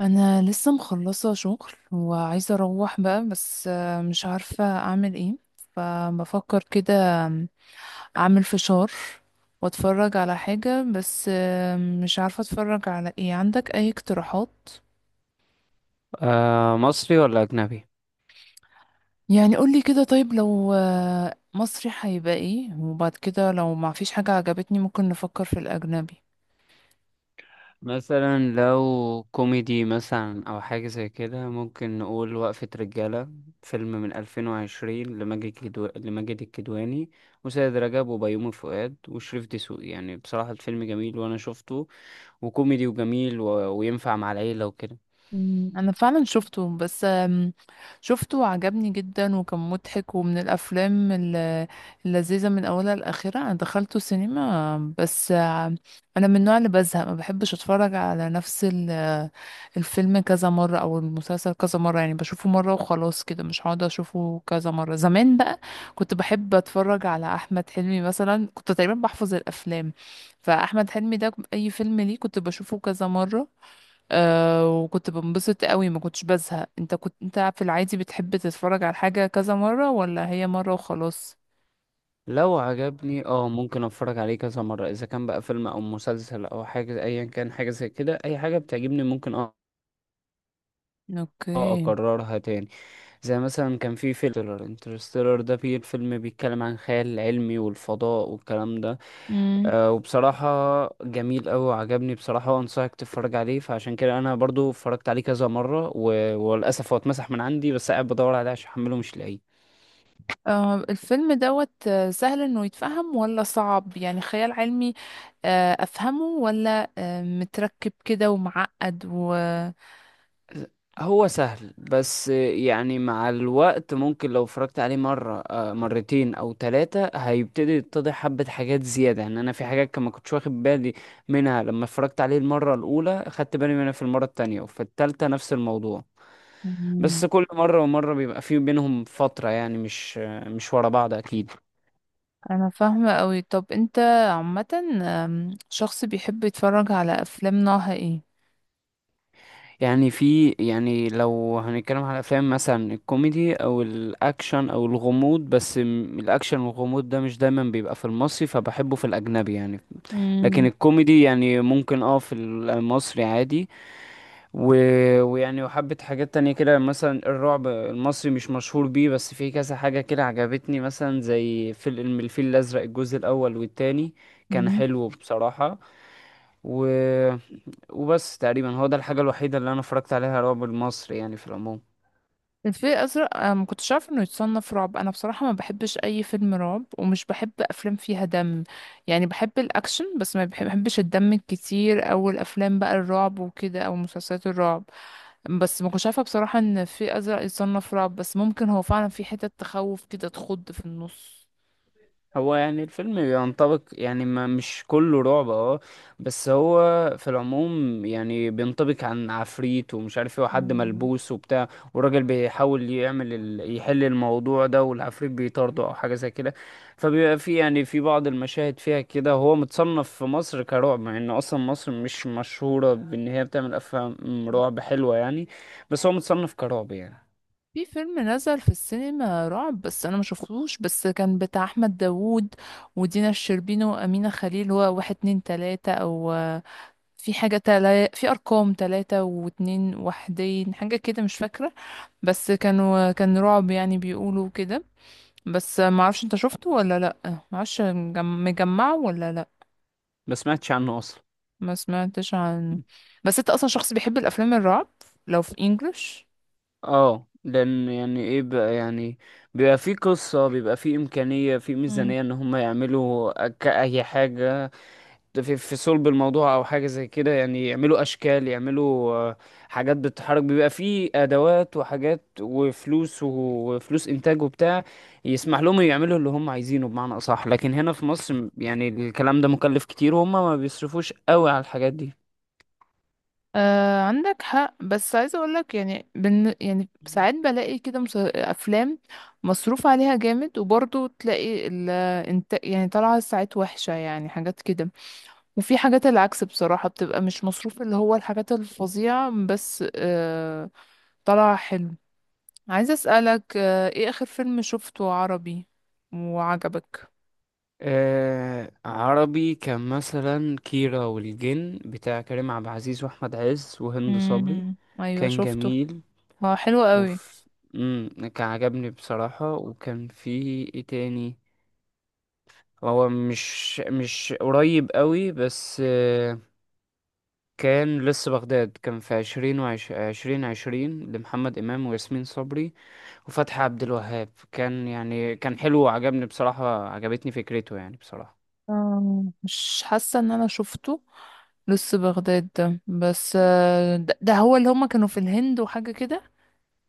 انا لسه مخلصه شغل وعايزه اروح بقى، بس مش عارفه اعمل ايه. فبفكر كده اعمل فشار واتفرج على حاجه، بس مش عارفه اتفرج على ايه. عندك اي اقتراحات؟ مصري ولا أجنبي؟ يعني قولي كده. طيب لو مصري هيبقى ايه، وبعد كده لو ما فيش حاجه عجبتني ممكن نفكر في الاجنبي. مثلا لو كوميدي مثلا أو حاجة زي كده ممكن نقول وقفة رجالة. فيلم من 2020 لماجد الكدواني وسيد رجب وبيومي فؤاد وشريف دسوقي، يعني بصراحة الفيلم جميل وأنا شفته، وكوميدي وجميل و... وينفع مع العيلة وكده. انا فعلا شفته، بس شفته وعجبني جدا وكان مضحك، ومن الافلام اللذيذه من اولها لاخرها. انا دخلته سينما، بس انا من النوع اللي بزهق، ما بحبش اتفرج على نفس الفيلم كذا مره او المسلسل كذا مره، يعني بشوفه مره وخلاص كده، مش هقعد اشوفه كذا مره. زمان بقى كنت بحب اتفرج على احمد حلمي مثلا، كنت تقريبا بحفظ الافلام، فاحمد حلمي ده اي فيلم ليه كنت بشوفه كذا مره. أه، وكنت بنبسط قوي، ما كنتش بزهق. انت كنت، في العادي بتحب تتفرج على حاجة كذا مرة ولا هي مرة وخلاص؟ لو عجبني ممكن اتفرج عليه كذا مرة، اذا كان بقى فيلم او مسلسل او حاجة ايا كان، حاجة زي كده اي حاجة بتعجبني ممكن اه اوكي. اكررها تاني. زي مثلا كان في فيلم انترستيلر ده، فيه الفيلم بيتكلم عن خيال علمي والفضاء والكلام ده. امم. وبصراحة جميل أوي وعجبني بصراحة، وأنصحك تتفرج عليه، فعشان كده أنا برضو اتفرجت عليه كذا مرة و... وللأسف هو اتمسح من عندي، بس قاعد بدور عليه عشان أحمله مش لاقيه. أه، الفيلم دوت سهل انه يتفهم ولا صعب؟ يعني خيال علمي افهمه، ولا متركب كده ومعقد و... هو سهل، بس يعني مع الوقت ممكن لو اتفرجت عليه مرة، مرتين أو ثلاثة، هيبتدي يتضح حبة حاجات زيادة، يعني أنا في حاجات كان ما كنتش واخد بالي منها لما اتفرجت عليه المرة الأولى، خدت بالي منها في المرة التانية، وفي التالتة نفس الموضوع. مم. بس كل مرة ومرة بيبقى في بينهم فترة، يعني مش ورا بعض أكيد. انا فاهمة قوي. طب انت عامة شخص بيحب يتفرج على افلام نوعها ايه؟ يعني في يعني لو هنتكلم على الافلام مثلا، الكوميدي او الاكشن او الغموض، بس الاكشن والغموض ده مش دايما بيبقى في المصري، فبحبه في الاجنبي يعني. لكن مم. الكوميدي يعني ممكن في المصري عادي و... ويعني وحبة حاجات تانية كده، مثلا الرعب المصري مش مشهور بيه، بس في كذا حاجة كده عجبتني مثلا زي فيلم الفيل الازرق، الجزء الاول والتاني، كان حلو بصراحة. و وبس تقريبا هو ده الحاجة الوحيدة اللي انا اتفرجت عليها رعب المصري يعني في العموم. الفيل الأزرق أنا ما كنتش عارفة إنه يتصنف رعب. أنا بصراحة ما بحبش أي فيلم رعب، ومش بحب أفلام فيها دم، يعني بحب الأكشن، بس ما بحبش الدم الكتير، أو الأفلام بقى الرعب وكده، أو مسلسلات الرعب. بس ما كنتش عارفة بصراحة إن الفيل الأزرق يتصنف رعب. بس ممكن هو فعلا في حتة تخوف كده، تخض في النص. هو يعني الفيلم بينطبق، يعني ما مش كله رعب اه بس هو في العموم يعني بينطبق عن عفريت ومش عارف ايه، وحد مم. ملبوس وبتاع، والراجل بيحاول يعمل يحل الموضوع ده، والعفريت بيطارده او حاجة زي كده. فبيبقى في بعض المشاهد فيها كده، هو متصنف في مصر كرعب، مع ان اصلا مصر مش مشهورة بان هي بتعمل افلام رعب حلوة يعني، بس هو متصنف كرعب يعني. في فيلم نزل في السينما رعب بس انا ما شفتوش، بس كان بتاع احمد داوود ودينا الشربيني وامينه خليل. هو واحد اتنين تلاته، او في حاجة في أرقام تلاتة واتنين وحدين، حاجة كده مش فاكرة. بس كان رعب يعني، بيقولوا كده. بس معرفش انت شفته ولا لأ، معرفش مجمعه ولا لأ. ما سمعتش عنه اصلا. ما سمعتش عنه. بس انت أصلا شخص بيحب الأفلام الرعب لو في انجلش؟ اه لان يعني ايه بقى يعني، بيبقى في قصة، بيبقى في امكانية، في مم. ميزانية ان هم يعملوا اي حاجة في صلب الموضوع او حاجة زي كده، يعني يعملوا اشكال، يعملوا حاجات بتتحرك، بيبقى في ادوات وحاجات وفلوس، وفلوس انتاج وبتاع يسمح لهم يعملوا اللي هم عايزينه بمعنى اصح. لكن هنا في مصر يعني الكلام ده مكلف كتير، وهم ما بيصرفوش قوي على الحاجات دي. آه، عندك حق. بس عايزة اقولك، يعني يعني ساعات بلاقي كده افلام مصروف عليها جامد، وبرضه تلاقي يعني طالعة ساعات وحشة، يعني حاجات كده. وفي حاجات العكس بصراحة، بتبقى مش مصروف، اللي هو الحاجات الفظيعة بس طلع حلو. عايزة أسألك، ايه آخر فيلم شفته عربي وعجبك؟ عربي كان مثلا كيرة والجن، بتاع كريم عبد العزيز واحمد عز وهند صبري، امم، ايوه كان شفته. جميل اه، حلو قوي. وف... مم، كان عجبني بصراحة، وكان في ايه تاني، هو مش مش قريب قوي بس. كان لسه بغداد، كان في 2020 لمحمد إمام وياسمين صبري وفتحي عبد الوهاب، كان حلو وعجبني بصراحة، عجبتني فكرته يعني بصراحة. مش حاسة ان انا شفته لسه بغداد ده. بس ده هو اللي هما كانوا في الهند وحاجة كده؟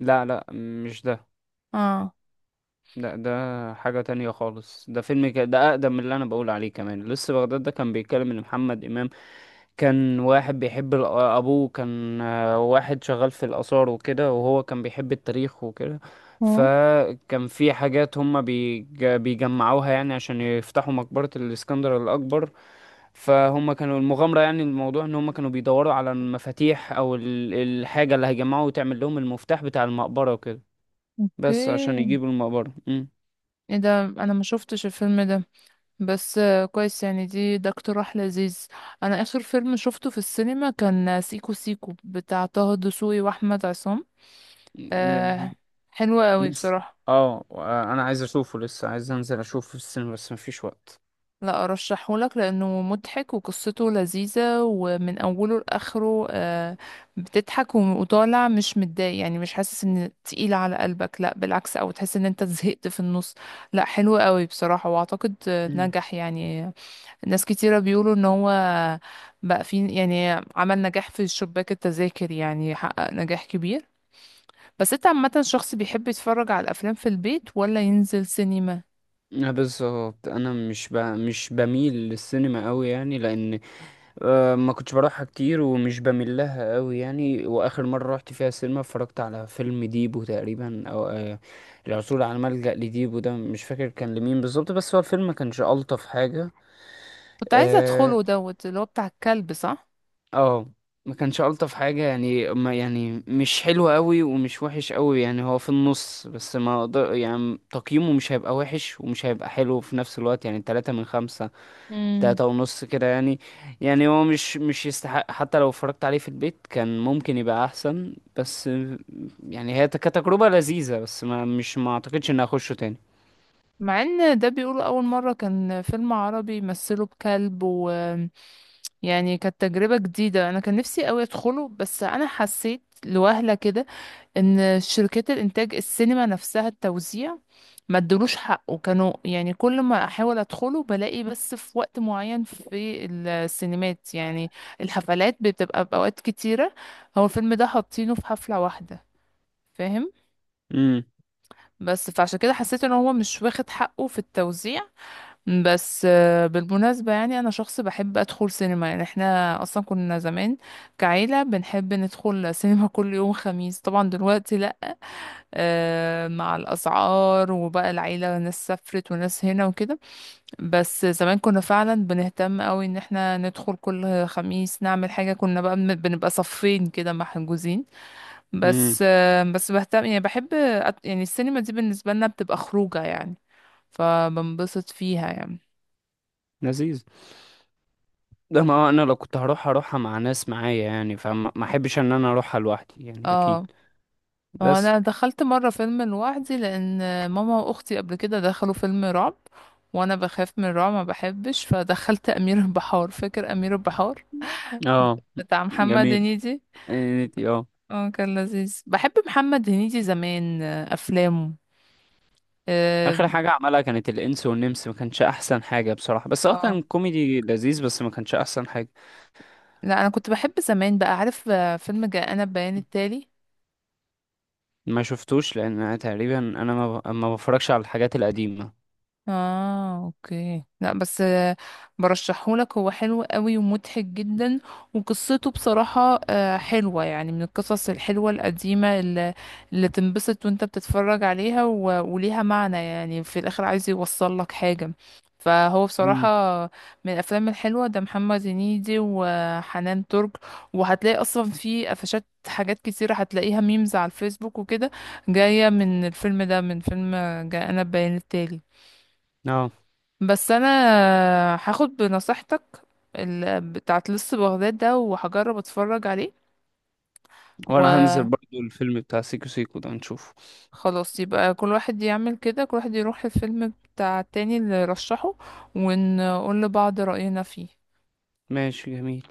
لا لا، مش ده. اه. لا، ده حاجة تانية خالص. ده أقدم من اللي أنا بقول عليه كمان. لسه بغداد ده كان بيتكلم إن محمد إمام كان واحد بيحب أبوه كان واحد شغال في الآثار وكده، وهو كان بيحب التاريخ وكده، اه، فكان في حاجات هما بيجمعوها يعني، عشان يفتحوا مقبرة الإسكندر الأكبر. فهم كانوا المغامرة، يعني الموضوع ان هم كانوا بيدوروا على المفاتيح او الحاجة اللي هيجمعوا وتعمل لهم المفتاح بتاع المقبرة وكده، بس عشان اوكي. يجيبوا المقبرة. ايه ده، انا ما شفتش الفيلم ده، بس كويس يعني. ده اقتراح لذيذ. انا اخر فيلم شفته في السينما كان سيكو سيكو بتاع طه دسوقي واحمد عصام. ن- أه، حلو قوي لسه بصراحة. اه انا عايز اشوفه، لسه عايز انزل اشوفه في السينما بس مفيش وقت. لا ارشحهولك لانه مضحك، وقصته لذيذة ومن اوله لاخره، بتضحك وطالع مش متضايق، يعني مش حاسس ان تقيل على قلبك، لا بالعكس، او تحس ان انت زهقت في النص. لا، حلو قوي بصراحة، واعتقد مم. نجح يعني. ناس كتيرة بيقولوا ان هو بقى في، يعني عمل نجاح في شباك التذاكر، يعني حقق نجاح كبير. بس انت عامة شخص بيحب يتفرج على الافلام في البيت ولا ينزل سينما؟ بالظبط، انا مش بميل للسينما قوي يعني، لان ما كنتش بروحها كتير، ومش بميل لها قوي يعني. واخر مره رحت فيها السينما، اتفرجت على فيلم ديبو تقريبا، او العثور على ملجأ لديبو ده، مش فاكر كان لمين بالظبط، بس هو الفيلم ما كانش الطف حاجه. كنت عايزة آه، ادخله دوت، اللي هو بتاع الكلب، صح؟ اه. ما كانش الطف حاجه يعني، ما يعني مش حلو قوي ومش وحش قوي، يعني هو في النص، بس ما اقدر، يعني تقييمه مش هيبقى وحش ومش هيبقى حلو في نفس الوقت، يعني 3 من 5، امم. 3.5 كده يعني. يعني هو مش يستحق، حتى لو اتفرجت عليه في البيت كان ممكن يبقى احسن. بس يعني هي كتجربة لذيذة، بس ما اعتقدش اني اخشه تاني. مع ان ده بيقولوا اول مرة كان فيلم عربي مثله بكلب، ويعني كانت تجربة جديدة. انا كان نفسي قوي ادخله، بس انا حسيت لوهلة كده ان شركات الانتاج السينما نفسها، التوزيع ما ادلوش حقه. كانوا يعني كل ما احاول ادخله بلاقي بس في وقت معين في السينمات، يعني الحفلات بتبقى باوقات كتيره، هو الفيلم ده حاطينه في حفله واحده. فاهم؟ امم. بس فعشان كده حسيت ان هو مش واخد حقه في التوزيع. بس بالمناسبة، يعني أنا شخص بحب أدخل سينما. يعني احنا أصلا كنا زمان كعيلة بنحب ندخل سينما كل يوم خميس. طبعا دلوقتي لأ، مع الأسعار وبقى العيلة ناس سافرت وناس هنا وكده. بس زمان كنا فعلا بنهتم قوي ان احنا ندخل كل خميس نعمل حاجة، كنا بقى بنبقى صفين كده محجوزين. امم. بس بهتم، يعني بحب يعني السينما دي بالنسبة لنا بتبقى خروجة، يعني فبنبسط فيها يعني. لذيذ. ده ما هو انا لو كنت هروح هروحها مع ناس معايا يعني، فما ما احبش ان انا اروحها لوحدي يعني اه. اكيد. هو بس. انا دخلت مرة فيلم لوحدي، لان ماما واختي قبل كده دخلوا فيلم رعب، وانا بخاف من الرعب ما بحبش، فدخلت امير البحار. فاكر امير البحار اه. بتاع محمد جميل. هنيدي؟ انتي اه اه، كان لذيذ. بحب محمد هنيدي زمان، افلامه. اه. اخر حاجه عملها كانت الانس والنمس، ما كانش احسن حاجه بصراحه، بس هو آه. كان كوميدي لذيذ بس ما كانش احسن حاجه. لا انا كنت بحب زمان. بقى عارف فيلم جاء انا بيان التالي؟ ما شفتوش لان أنا تقريبا، انا ما بفرجش على الحاجات القديمه. اه، اوكي. لا بس برشحهولك، هو حلو قوي ومضحك جدا. وقصته بصراحة حلوة يعني، من القصص الحلوة القديمة اللي تنبسط وانت بتتفرج عليها، و... وليها معنى، يعني في الاخر عايز يوصل لك حاجة. فهو بصراحة امم. من الأفلام الحلوة ده، محمد هنيدي وحنان ترك. وهتلاقي أصلا في قفشات، حاجات كتيرة هتلاقيها ميمز على الفيسبوك وكده، جاية من الفيلم ده، من فيلم جاء أنا بيان التالي. اه. بس انا هاخد بنصيحتك بتاعت لص بغداد ده، وهجرب اتفرج عليه. وانا هنزل برضو الفيلم بتاع سيكو سيكو ده نشوفه. وخلاص، يبقى كل واحد يعمل كده، كل واحد يروح الفيلم بتاع التاني اللي رشحه، ونقول لبعض رأينا فيه. ماشي، جميل.